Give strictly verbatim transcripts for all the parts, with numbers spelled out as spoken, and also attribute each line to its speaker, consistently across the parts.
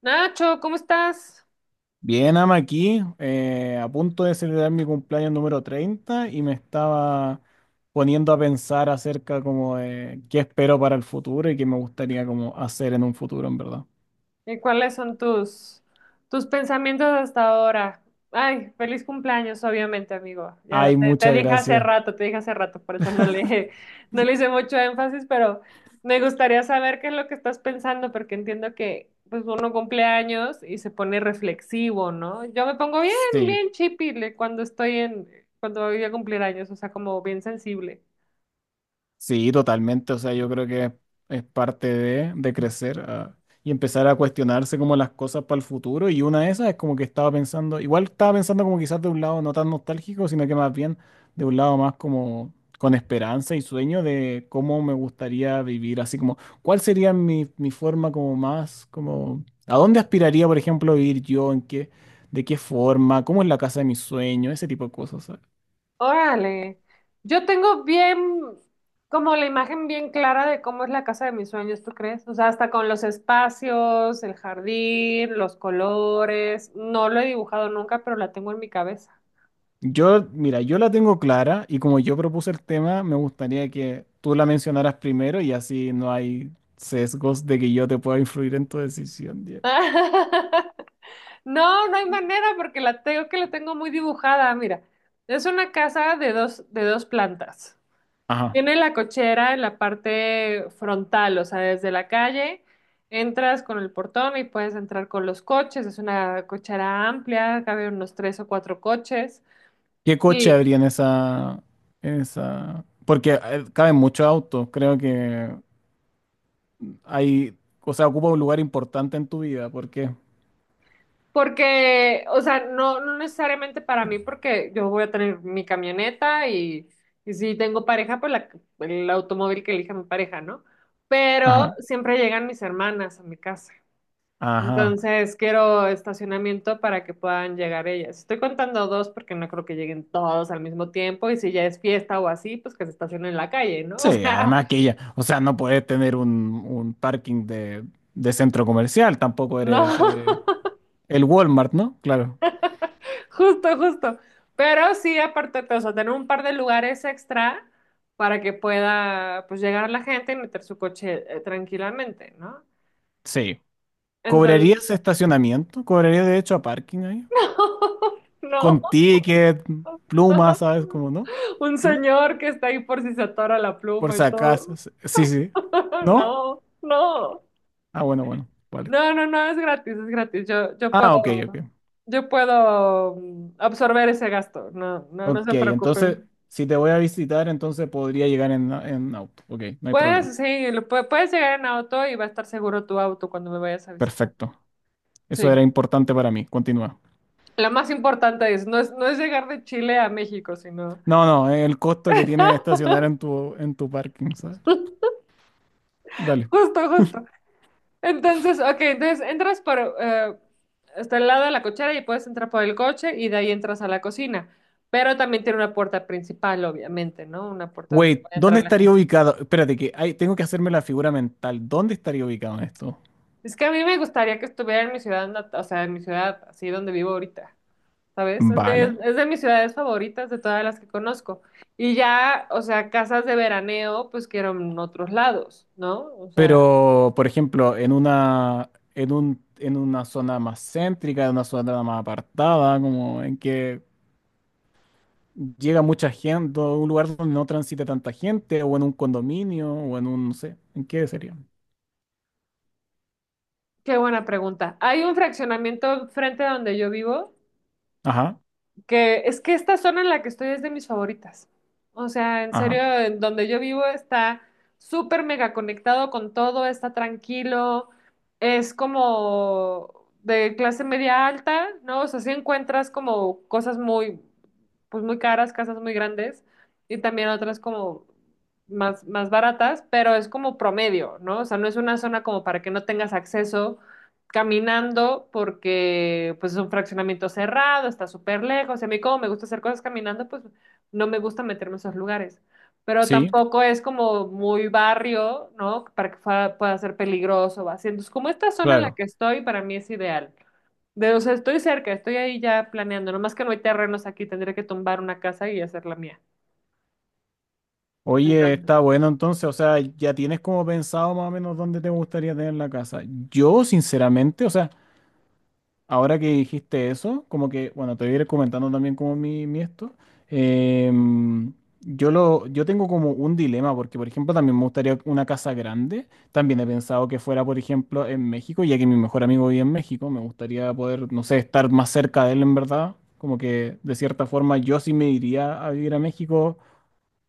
Speaker 1: Nacho, ¿cómo estás?
Speaker 2: Bien, ama aquí, eh, a punto de celebrar mi cumpleaños número treinta y me estaba poniendo a pensar acerca como de qué espero para el futuro y qué me gustaría como hacer en un futuro, en verdad.
Speaker 1: ¿Y cuáles son tus, tus pensamientos hasta ahora? Ay, feliz cumpleaños, obviamente, amigo. Ya
Speaker 2: Ay,
Speaker 1: te, te
Speaker 2: muchas
Speaker 1: dije hace
Speaker 2: gracias.
Speaker 1: rato, te dije hace rato, por eso no le, no le hice mucho énfasis, pero me gustaría saber qué es lo que estás pensando, porque entiendo que pues uno cumple años y se pone reflexivo, ¿no? Yo me pongo bien,
Speaker 2: Sí,
Speaker 1: bien chipile cuando estoy en, cuando voy a cumplir años, o sea, como bien sensible.
Speaker 2: sí, totalmente. O sea, yo creo que es parte de, de crecer ah, y empezar a cuestionarse como las cosas para el futuro. Y una de esas es como que estaba pensando, igual estaba pensando como quizás de un lado no tan nostálgico, sino que más bien de un lado más como con esperanza y sueño de cómo me gustaría vivir, así como cuál sería mi, mi forma como más, como a dónde aspiraría, por ejemplo, vivir yo, en qué, de qué forma, cómo es la casa de mis sueños, ese tipo de cosas.
Speaker 1: Órale, yo tengo bien, como la imagen bien clara de cómo es la casa de mis sueños, ¿tú crees? O sea, hasta con los espacios, el jardín, los colores. No lo he dibujado nunca, pero la tengo en mi cabeza.
Speaker 2: Yo, mira, yo la tengo clara y como yo propuse el tema, me gustaría que tú la mencionaras primero y así no hay sesgos de que yo te pueda influir en tu decisión. Diego.
Speaker 1: No, no hay manera porque la tengo que la tengo muy dibujada. Mira, es una casa de dos, de dos plantas.
Speaker 2: Ajá.
Speaker 1: Tiene la cochera en la parte frontal, o sea, desde la calle entras con el portón y puedes entrar con los coches. Es una cochera amplia, cabe unos tres o cuatro coches.
Speaker 2: ¿Qué coche
Speaker 1: Y
Speaker 2: habría en esa, en esa? Porque eh, caben muchos autos. Creo que hay, o sea, ocupa un lugar importante en tu vida. ¿Por qué?
Speaker 1: porque, o sea, no, no necesariamente para mí, porque yo voy a tener mi camioneta y, y si tengo pareja, pues la- el automóvil que elija mi pareja, ¿no? Pero
Speaker 2: Ajá.
Speaker 1: siempre llegan mis hermanas a mi casa.
Speaker 2: Ajá.
Speaker 1: Entonces quiero estacionamiento para que puedan llegar ellas. Estoy contando dos porque no creo que lleguen todos al mismo tiempo y si ya es fiesta o así, pues que se estacionen en la calle, ¿no? O
Speaker 2: Sí,
Speaker 1: sea,
Speaker 2: además que ella, o sea, no puedes tener un, un parking de, de centro comercial, tampoco
Speaker 1: no,
Speaker 2: eres eh, el Walmart, ¿no? Claro.
Speaker 1: justo, justo. Pero sí, aparte, o sea, tener un par de lugares extra para que pueda, pues, llegar la gente y meter su coche eh, tranquilamente, ¿no?
Speaker 2: Sí.
Speaker 1: Entonces,
Speaker 2: ¿Cobrarías estacionamiento? ¿Cobrarías derecho a parking ahí?
Speaker 1: no,
Speaker 2: Con ticket, plumas, ¿sabes? Como, ¿no?
Speaker 1: un
Speaker 2: ¿No?
Speaker 1: señor que está ahí por si se atora la
Speaker 2: Por
Speaker 1: pluma y
Speaker 2: si acaso.
Speaker 1: todo.
Speaker 2: s- Sí, sí. ¿No?
Speaker 1: No, no.
Speaker 2: Ah, bueno, bueno. Vale.
Speaker 1: No, no, no, es gratis, es gratis. Yo, yo puedo,
Speaker 2: Ah, ok, ok.
Speaker 1: yo puedo mm, absorber ese gasto. No, no, no
Speaker 2: Ok,
Speaker 1: se
Speaker 2: entonces,
Speaker 1: preocupen.
Speaker 2: si te voy a visitar, entonces podría llegar en, en auto. Ok, no hay problema.
Speaker 1: Puedes, sí, lo pue- puedes llegar en auto y va a estar seguro tu auto cuando me vayas a visitar.
Speaker 2: Perfecto. Eso
Speaker 1: Sí.
Speaker 2: era importante para mí. Continúa.
Speaker 1: Lo más importante es, no es, no es llegar de Chile a México, sino
Speaker 2: No, no, el costo que tiene estacionar en tu, en tu parking, ¿sabes? Dale.
Speaker 1: justo, justo. Entonces, ok, entonces entras por eh, hasta el lado de la cochera y puedes entrar por el coche y de ahí entras a la cocina. Pero también tiene una puerta principal, obviamente, ¿no? Una puerta donde
Speaker 2: Wait,
Speaker 1: puede entrar
Speaker 2: ¿dónde
Speaker 1: la
Speaker 2: estaría
Speaker 1: gente.
Speaker 2: ubicado? Espérate, que hay- tengo que hacerme la figura mental. ¿Dónde estaría ubicado en esto?
Speaker 1: Es que a mí me gustaría que estuviera en mi ciudad, nat- o sea, en mi ciudad, así donde vivo ahorita, ¿sabes? Es de, es,
Speaker 2: Vale.
Speaker 1: es de mis ciudades favoritas de todas las que conozco. Y ya, o sea, casas de veraneo, pues quiero en otros lados, ¿no? O sea,
Speaker 2: Pero, por ejemplo, en una, en un, en una zona más céntrica, en una zona más apartada, como en que llega mucha gente, o un lugar donde no transite tanta gente, o en un condominio, o en un, no sé, ¿en qué sería?
Speaker 1: qué buena pregunta. Hay un fraccionamiento frente a donde yo vivo,
Speaker 2: Ajá,
Speaker 1: que es que esta zona en la que estoy es de mis favoritas. O sea, en serio,
Speaker 2: ajá.
Speaker 1: en donde yo vivo está súper mega conectado con todo, está tranquilo, es como de clase media alta, ¿no? O sea, sí encuentras como cosas muy, pues muy caras, casas muy grandes y también otras como más, más baratas, pero es como promedio, ¿no? O sea, no es una zona como para que no tengas acceso caminando porque pues es un fraccionamiento cerrado, está súper lejos. Y a mí como me gusta hacer cosas caminando, pues no me gusta meterme en esos lugares. Pero
Speaker 2: Sí,
Speaker 1: tampoco es como muy barrio, ¿no? Para que fa- pueda ser peligroso o así. Entonces, como esta zona en la
Speaker 2: claro.
Speaker 1: que estoy, para mí es ideal. De, o sea, estoy cerca, estoy ahí ya planeando. Nomás que no hay terrenos aquí, tendría que tumbar una casa y hacer la mía.
Speaker 2: Oye,
Speaker 1: Entonces,
Speaker 2: está bueno entonces, o sea, ya tienes como pensado más o menos dónde te gustaría tener la casa. Yo, sinceramente, o sea, ahora que dijiste eso, como que, bueno, te voy a ir comentando también como mi, mi esto. Em, yo lo, yo tengo como un dilema, porque por ejemplo también me gustaría una casa grande. También he pensado que fuera, por ejemplo, en México, ya que mi mejor amigo vive en México, me gustaría poder, no sé, estar más cerca de él en verdad. Como que de cierta forma yo sí me iría a vivir a México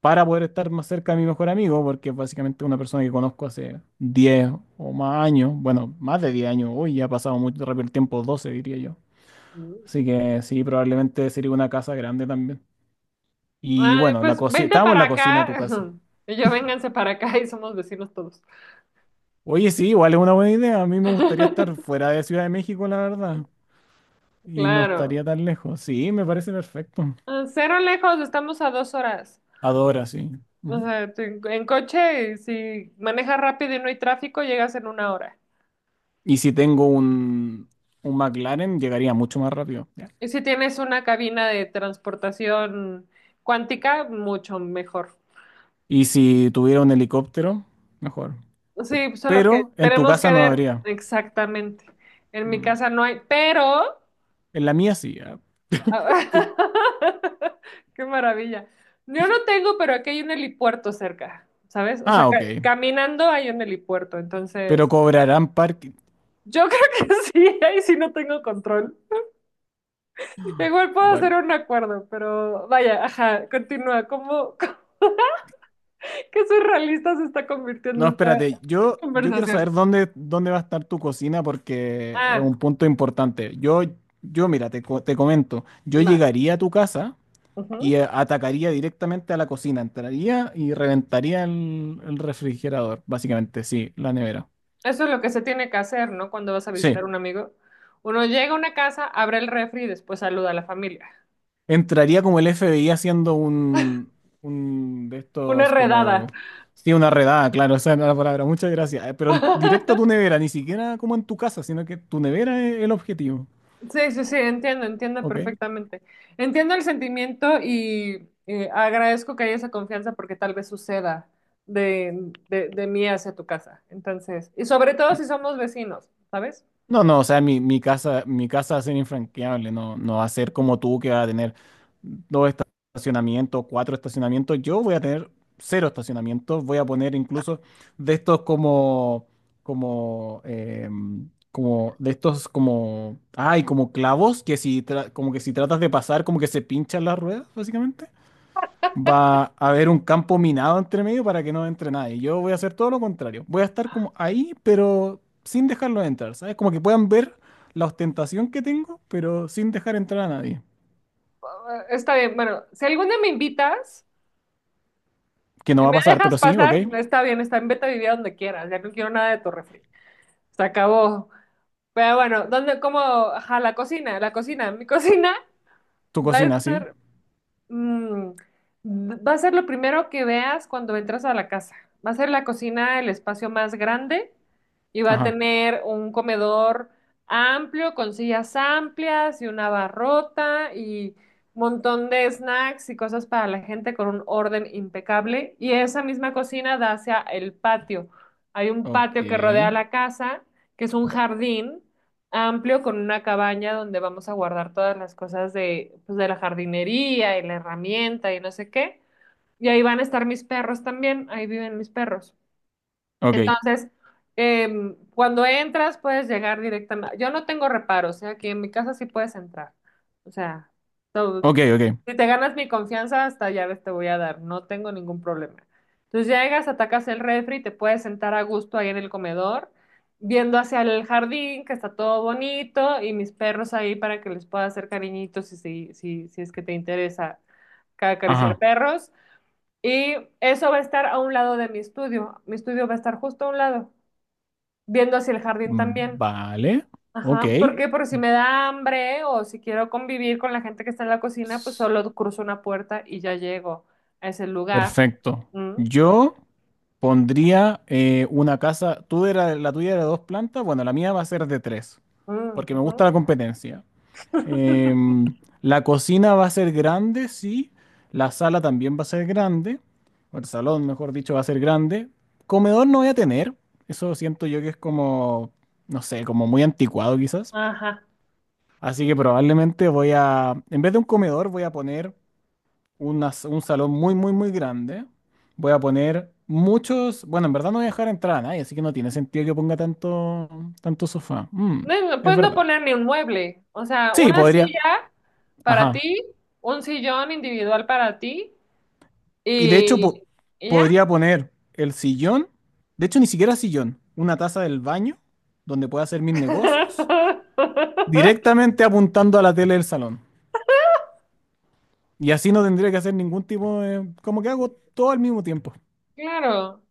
Speaker 2: para poder estar más cerca de mi mejor amigo, porque es básicamente una persona que conozco hace diez o más años, bueno, más de diez años, hoy ya ha pasado muy rápido el tiempo, doce diría yo.
Speaker 1: mm,
Speaker 2: Así que sí, probablemente sería una casa grande también.
Speaker 1: ay,
Speaker 2: Y bueno, la
Speaker 1: pues
Speaker 2: cocina,
Speaker 1: vente
Speaker 2: estábamos en
Speaker 1: para
Speaker 2: la cocina de tu
Speaker 1: acá.
Speaker 2: casa.
Speaker 1: Y yo, vénganse para acá y somos vecinos todos.
Speaker 2: Oye, sí, igual es una buena idea. A mí me gustaría estar fuera de Ciudad de México, la verdad. Y no
Speaker 1: Claro.
Speaker 2: estaría tan lejos. Sí, me parece perfecto.
Speaker 1: Ah, cero lejos, estamos a dos horas.
Speaker 2: Adora, sí.
Speaker 1: O
Speaker 2: Ujú.
Speaker 1: sea, te- en coche, si manejas rápido y no hay tráfico, llegas en una hora.
Speaker 2: Y si tengo un, un McLaren, llegaría mucho más rápido.
Speaker 1: Y si tienes una cabina de transportación cuántica, mucho mejor.
Speaker 2: Y si tuviera un helicóptero, mejor.
Speaker 1: Sí, solo que
Speaker 2: Pero en tu
Speaker 1: tenemos
Speaker 2: casa
Speaker 1: que
Speaker 2: no
Speaker 1: ver
Speaker 2: habría.
Speaker 1: exactamente. En mi
Speaker 2: Mm.
Speaker 1: casa no hay, pero...
Speaker 2: En la mía sí. Ah,
Speaker 1: Qué maravilla. Yo no tengo, pero aquí hay un helipuerto cerca, ¿sabes? O sea,
Speaker 2: ah,
Speaker 1: ca-
Speaker 2: ok.
Speaker 1: caminando hay un helipuerto,
Speaker 2: Pero
Speaker 1: entonces...
Speaker 2: cobrarán parking.
Speaker 1: Yo creo que sí, ahí sí no tengo control. Igual puedo hacer
Speaker 2: Bueno,
Speaker 1: un acuerdo, pero vaya, ajá, continúa. ¿Cómo, ¿qué surrealista se está
Speaker 2: no,
Speaker 1: convirtiendo esta
Speaker 2: espérate. Yo, yo quiero
Speaker 1: conversación?
Speaker 2: saber dónde, dónde va a estar tu cocina porque es
Speaker 1: Ah,
Speaker 2: un punto importante. Yo, yo mira, te, co- te comento. Yo
Speaker 1: va.
Speaker 2: llegaría a tu casa y
Speaker 1: Ujú.
Speaker 2: eh, atacaría directamente a la cocina. Entraría y reventaría el, el refrigerador, básicamente, sí, la nevera.
Speaker 1: Eso es lo que se tiene que hacer, ¿no? Cuando vas a
Speaker 2: Sí.
Speaker 1: visitar a un amigo. Uno llega a una casa, abre el refri y después saluda a la familia.
Speaker 2: Entraría como el F B I haciendo un, un de
Speaker 1: Una
Speaker 2: estos como...
Speaker 1: redada.
Speaker 2: Sí, una redada, claro, esa era la palabra. Muchas gracias. Eh, Pero en- directo a tu nevera, ni siquiera como en tu casa, sino que tu nevera es el objetivo.
Speaker 1: Sí, sí, sí, entiendo, entiendo
Speaker 2: Ok.
Speaker 1: perfectamente. Entiendo el sentimiento y eh, agradezco que haya esa confianza porque tal vez suceda de, de, de mí hacia tu casa. Entonces, y sobre todo si somos vecinos, ¿sabes?
Speaker 2: No, no, o sea, mi, mi casa, mi casa va a ser infranqueable, no, no va a ser como tú que va a tener dos estacionamientos, cuatro estacionamientos. Yo voy a tener cero estacionamientos, voy a poner incluso de estos como, como, em, como, de estos como, ay, como clavos que si, tra- como que si tratas de pasar, como que se pinchan las ruedas, básicamente. Va a haber un campo minado entre medio para que no entre nadie. Yo voy a hacer todo lo contrario. Voy a estar como ahí, pero sin dejarlos entrar, ¿sabes? Como que puedan ver la ostentación que tengo, pero sin dejar entrar a nadie.
Speaker 1: Eh, Está bien, bueno, si algún día me invitas
Speaker 2: Que no
Speaker 1: y
Speaker 2: va a
Speaker 1: me
Speaker 2: pasar,
Speaker 1: dejas
Speaker 2: pero sí, ok.
Speaker 1: pasar, está bien, está bien, vete a vivir a donde quieras, ya no quiero nada de tu refri. Se acabó. Pero bueno, ¿dónde, cómo? Ajá, la cocina, la cocina, mi cocina
Speaker 2: Tu
Speaker 1: va a
Speaker 2: cocina, sí.
Speaker 1: estar Mm, va a ser lo primero que veas cuando entras a la casa. Va a ser la cocina el espacio más grande y va a
Speaker 2: Ajá.
Speaker 1: tener un comedor amplio con sillas amplias y una barrota y un montón de snacks y cosas para la gente con un orden impecable. Y esa misma cocina da hacia el patio. Hay un
Speaker 2: Ok.
Speaker 1: patio que rodea la casa, que es un jardín amplio con una cabaña donde vamos a guardar todas las cosas de, pues, de la jardinería y la herramienta y no sé qué. Y ahí van a estar mis perros también, ahí viven mis perros.
Speaker 2: Ok.
Speaker 1: Entonces, em, cuando entras puedes llegar directamente. Yo no tengo reparos, ¿eh? Aquí en mi casa sí puedes entrar. O sea, todo,
Speaker 2: Ok, ok.
Speaker 1: si te ganas mi confianza, hasta llaves te voy a dar, no tengo ningún problema. Entonces llegas, atacas el refri, te puedes sentar a gusto ahí en el comedor, viendo hacia el jardín, que está todo bonito, y mis perros ahí para que les pueda hacer cariñitos, si, si, si, si es que te interesa ca- acariciar
Speaker 2: Ajá.
Speaker 1: perros. Y eso va a estar a un lado de mi estudio, mi estudio va a estar justo a un lado, viendo hacia el jardín
Speaker 2: Mm,
Speaker 1: también.
Speaker 2: vale. Ok.
Speaker 1: Ajá, porque por si me da hambre o si quiero convivir con la gente que está en la cocina, pues solo cruzo una puerta y ya llego a ese lugar.
Speaker 2: Perfecto.
Speaker 1: Mm,
Speaker 2: Yo pondría eh, una casa. Tú era, la tuya era de dos plantas. Bueno, la mía va a ser de tres,
Speaker 1: mm,
Speaker 2: porque me gusta
Speaker 1: ujú.
Speaker 2: la competencia. Em, la cocina va a ser grande, sí. La sala también va a ser grande. O el salón, mejor dicho, va a ser grande. Comedor no voy a tener. Eso siento yo que es como, no sé, como muy anticuado quizás.
Speaker 1: Ajá.
Speaker 2: Así que probablemente voy a, en vez de un comedor, voy a poner una s- un salón muy, muy, muy grande. Voy a poner muchos. Bueno, en verdad no voy a dejar entrar a nadie, así que no tiene sentido que ponga tanto, tanto sofá. Mm,
Speaker 1: No,
Speaker 2: es
Speaker 1: puedes no
Speaker 2: verdad.
Speaker 1: poner ni un mueble, o sea,
Speaker 2: Sí,
Speaker 1: una
Speaker 2: podría.
Speaker 1: silla para
Speaker 2: Ajá.
Speaker 1: ti, un sillón individual para ti
Speaker 2: Y de hecho, po-
Speaker 1: y, y ya.
Speaker 2: podría poner el sillón. De hecho, ni siquiera sillón. Una taza del baño donde pueda hacer mis negocios. Directamente apuntando a la tele del salón. Y así no tendría que hacer ningún tipo de... Como que hago todo al mismo tiempo.
Speaker 1: Claro,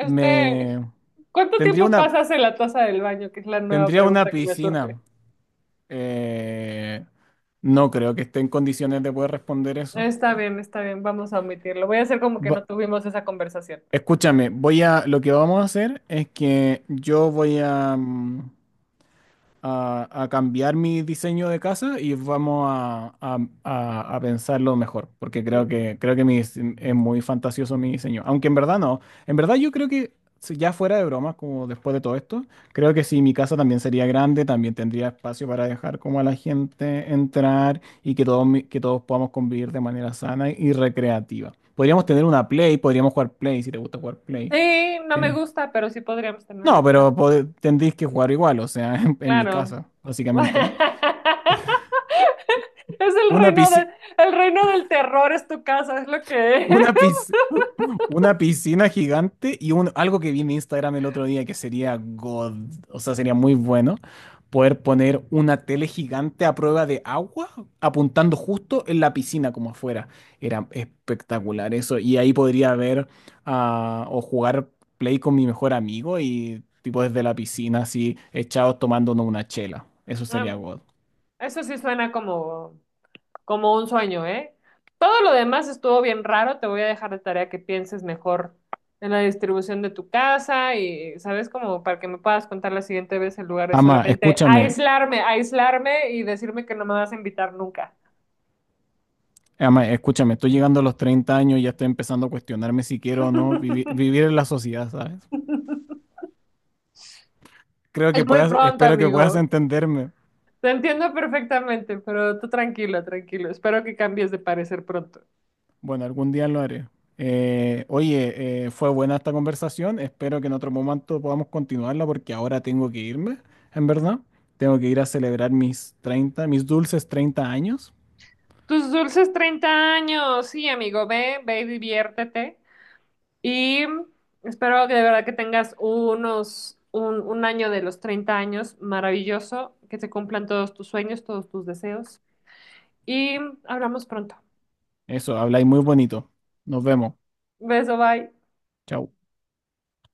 Speaker 2: Y me...
Speaker 1: ¿cuánto
Speaker 2: Tendría
Speaker 1: tiempo
Speaker 2: una,
Speaker 1: pasas en la taza del baño? Que es la nueva
Speaker 2: tendría una
Speaker 1: pregunta que me surge.
Speaker 2: piscina. Eh, no creo que esté en condiciones de poder responder eso.
Speaker 1: Está bien, está bien, vamos a omitirlo. Voy a hacer como que no
Speaker 2: Va-
Speaker 1: tuvimos esa conversación.
Speaker 2: Escúchame, voy a, lo que vamos a hacer es que yo voy a, mm, a, a cambiar mi diseño de casa y vamos a, a- a- a pensarlo mejor, porque
Speaker 1: Mm,
Speaker 2: creo que, creo que mi dise- es muy fantasioso mi diseño, aunque en verdad no, en verdad yo creo que si ya fuera de bromas, como después de todo esto, creo que si mi casa también sería grande, también tendría espacio para dejar como a la gente entrar y que todos, mi- que todos podamos convivir de manera sana y recreativa. Podríamos tener una Play, podríamos jugar Play, si te gusta jugar Play.
Speaker 1: sí, no me
Speaker 2: Eh,
Speaker 1: gusta, pero sí podríamos
Speaker 2: no,
Speaker 1: tenerla,
Speaker 2: pero
Speaker 1: claro.
Speaker 2: pode- tendréis que jugar igual, o sea, en, en mi
Speaker 1: Claro.
Speaker 2: casa, básicamente, ¿no?
Speaker 1: Es el
Speaker 2: Una
Speaker 1: reino de,
Speaker 2: piscina,
Speaker 1: el reino del terror, es tu casa, es lo que es.
Speaker 2: una piscina, una piscina gigante y un, algo que vi en Instagram el otro día que sería God, o sea, sería muy bueno poder poner una tele gigante a prueba de agua apuntando justo en la piscina como afuera. Era espectacular eso y ahí podría ver ah, o jugar play con mi mejor amigo y tipo desde la piscina así echados tomándonos una chela. Eso
Speaker 1: Em,
Speaker 2: sería God.
Speaker 1: Eso sí suena como como un sueño, ¿eh? Todo lo demás estuvo bien raro, te voy a dejar de tarea que pienses mejor en la distribución de tu casa y, ¿sabes? Como para que me puedas contar la siguiente vez en lugar de
Speaker 2: Ama,
Speaker 1: solamente
Speaker 2: escúchame.
Speaker 1: aislarme, aislarme y decirme que no me vas a invitar nunca.
Speaker 2: Ama, escúchame, estoy llegando a los treinta años y ya estoy empezando a cuestionarme si quiero o no vivi- vivir en la sociedad, ¿sabes? Creo
Speaker 1: Es
Speaker 2: que
Speaker 1: muy
Speaker 2: puedas,
Speaker 1: pronto,
Speaker 2: espero que puedas
Speaker 1: amigo.
Speaker 2: entenderme.
Speaker 1: Te entiendo perfectamente, pero tú tranquilo, tranquilo. Espero que cambies de parecer pronto.
Speaker 2: Bueno, algún día lo haré. Eh, oye, eh, fue buena esta conversación. Espero que en otro momento podamos continuarla porque ahora tengo que irme, en verdad. Tengo que ir a celebrar mis treinta, mis dulces treinta años.
Speaker 1: Tus dulces treinta años. Sí, amigo, ve, ve y diviértete. Y espero que de verdad que tengas unos, un, un año de los treinta años maravilloso, que se cumplan todos tus sueños, todos tus deseos. Y hablamos pronto.
Speaker 2: Eso, habláis muy bonito. Nos vemos.
Speaker 1: Beso, bye.
Speaker 2: Chao.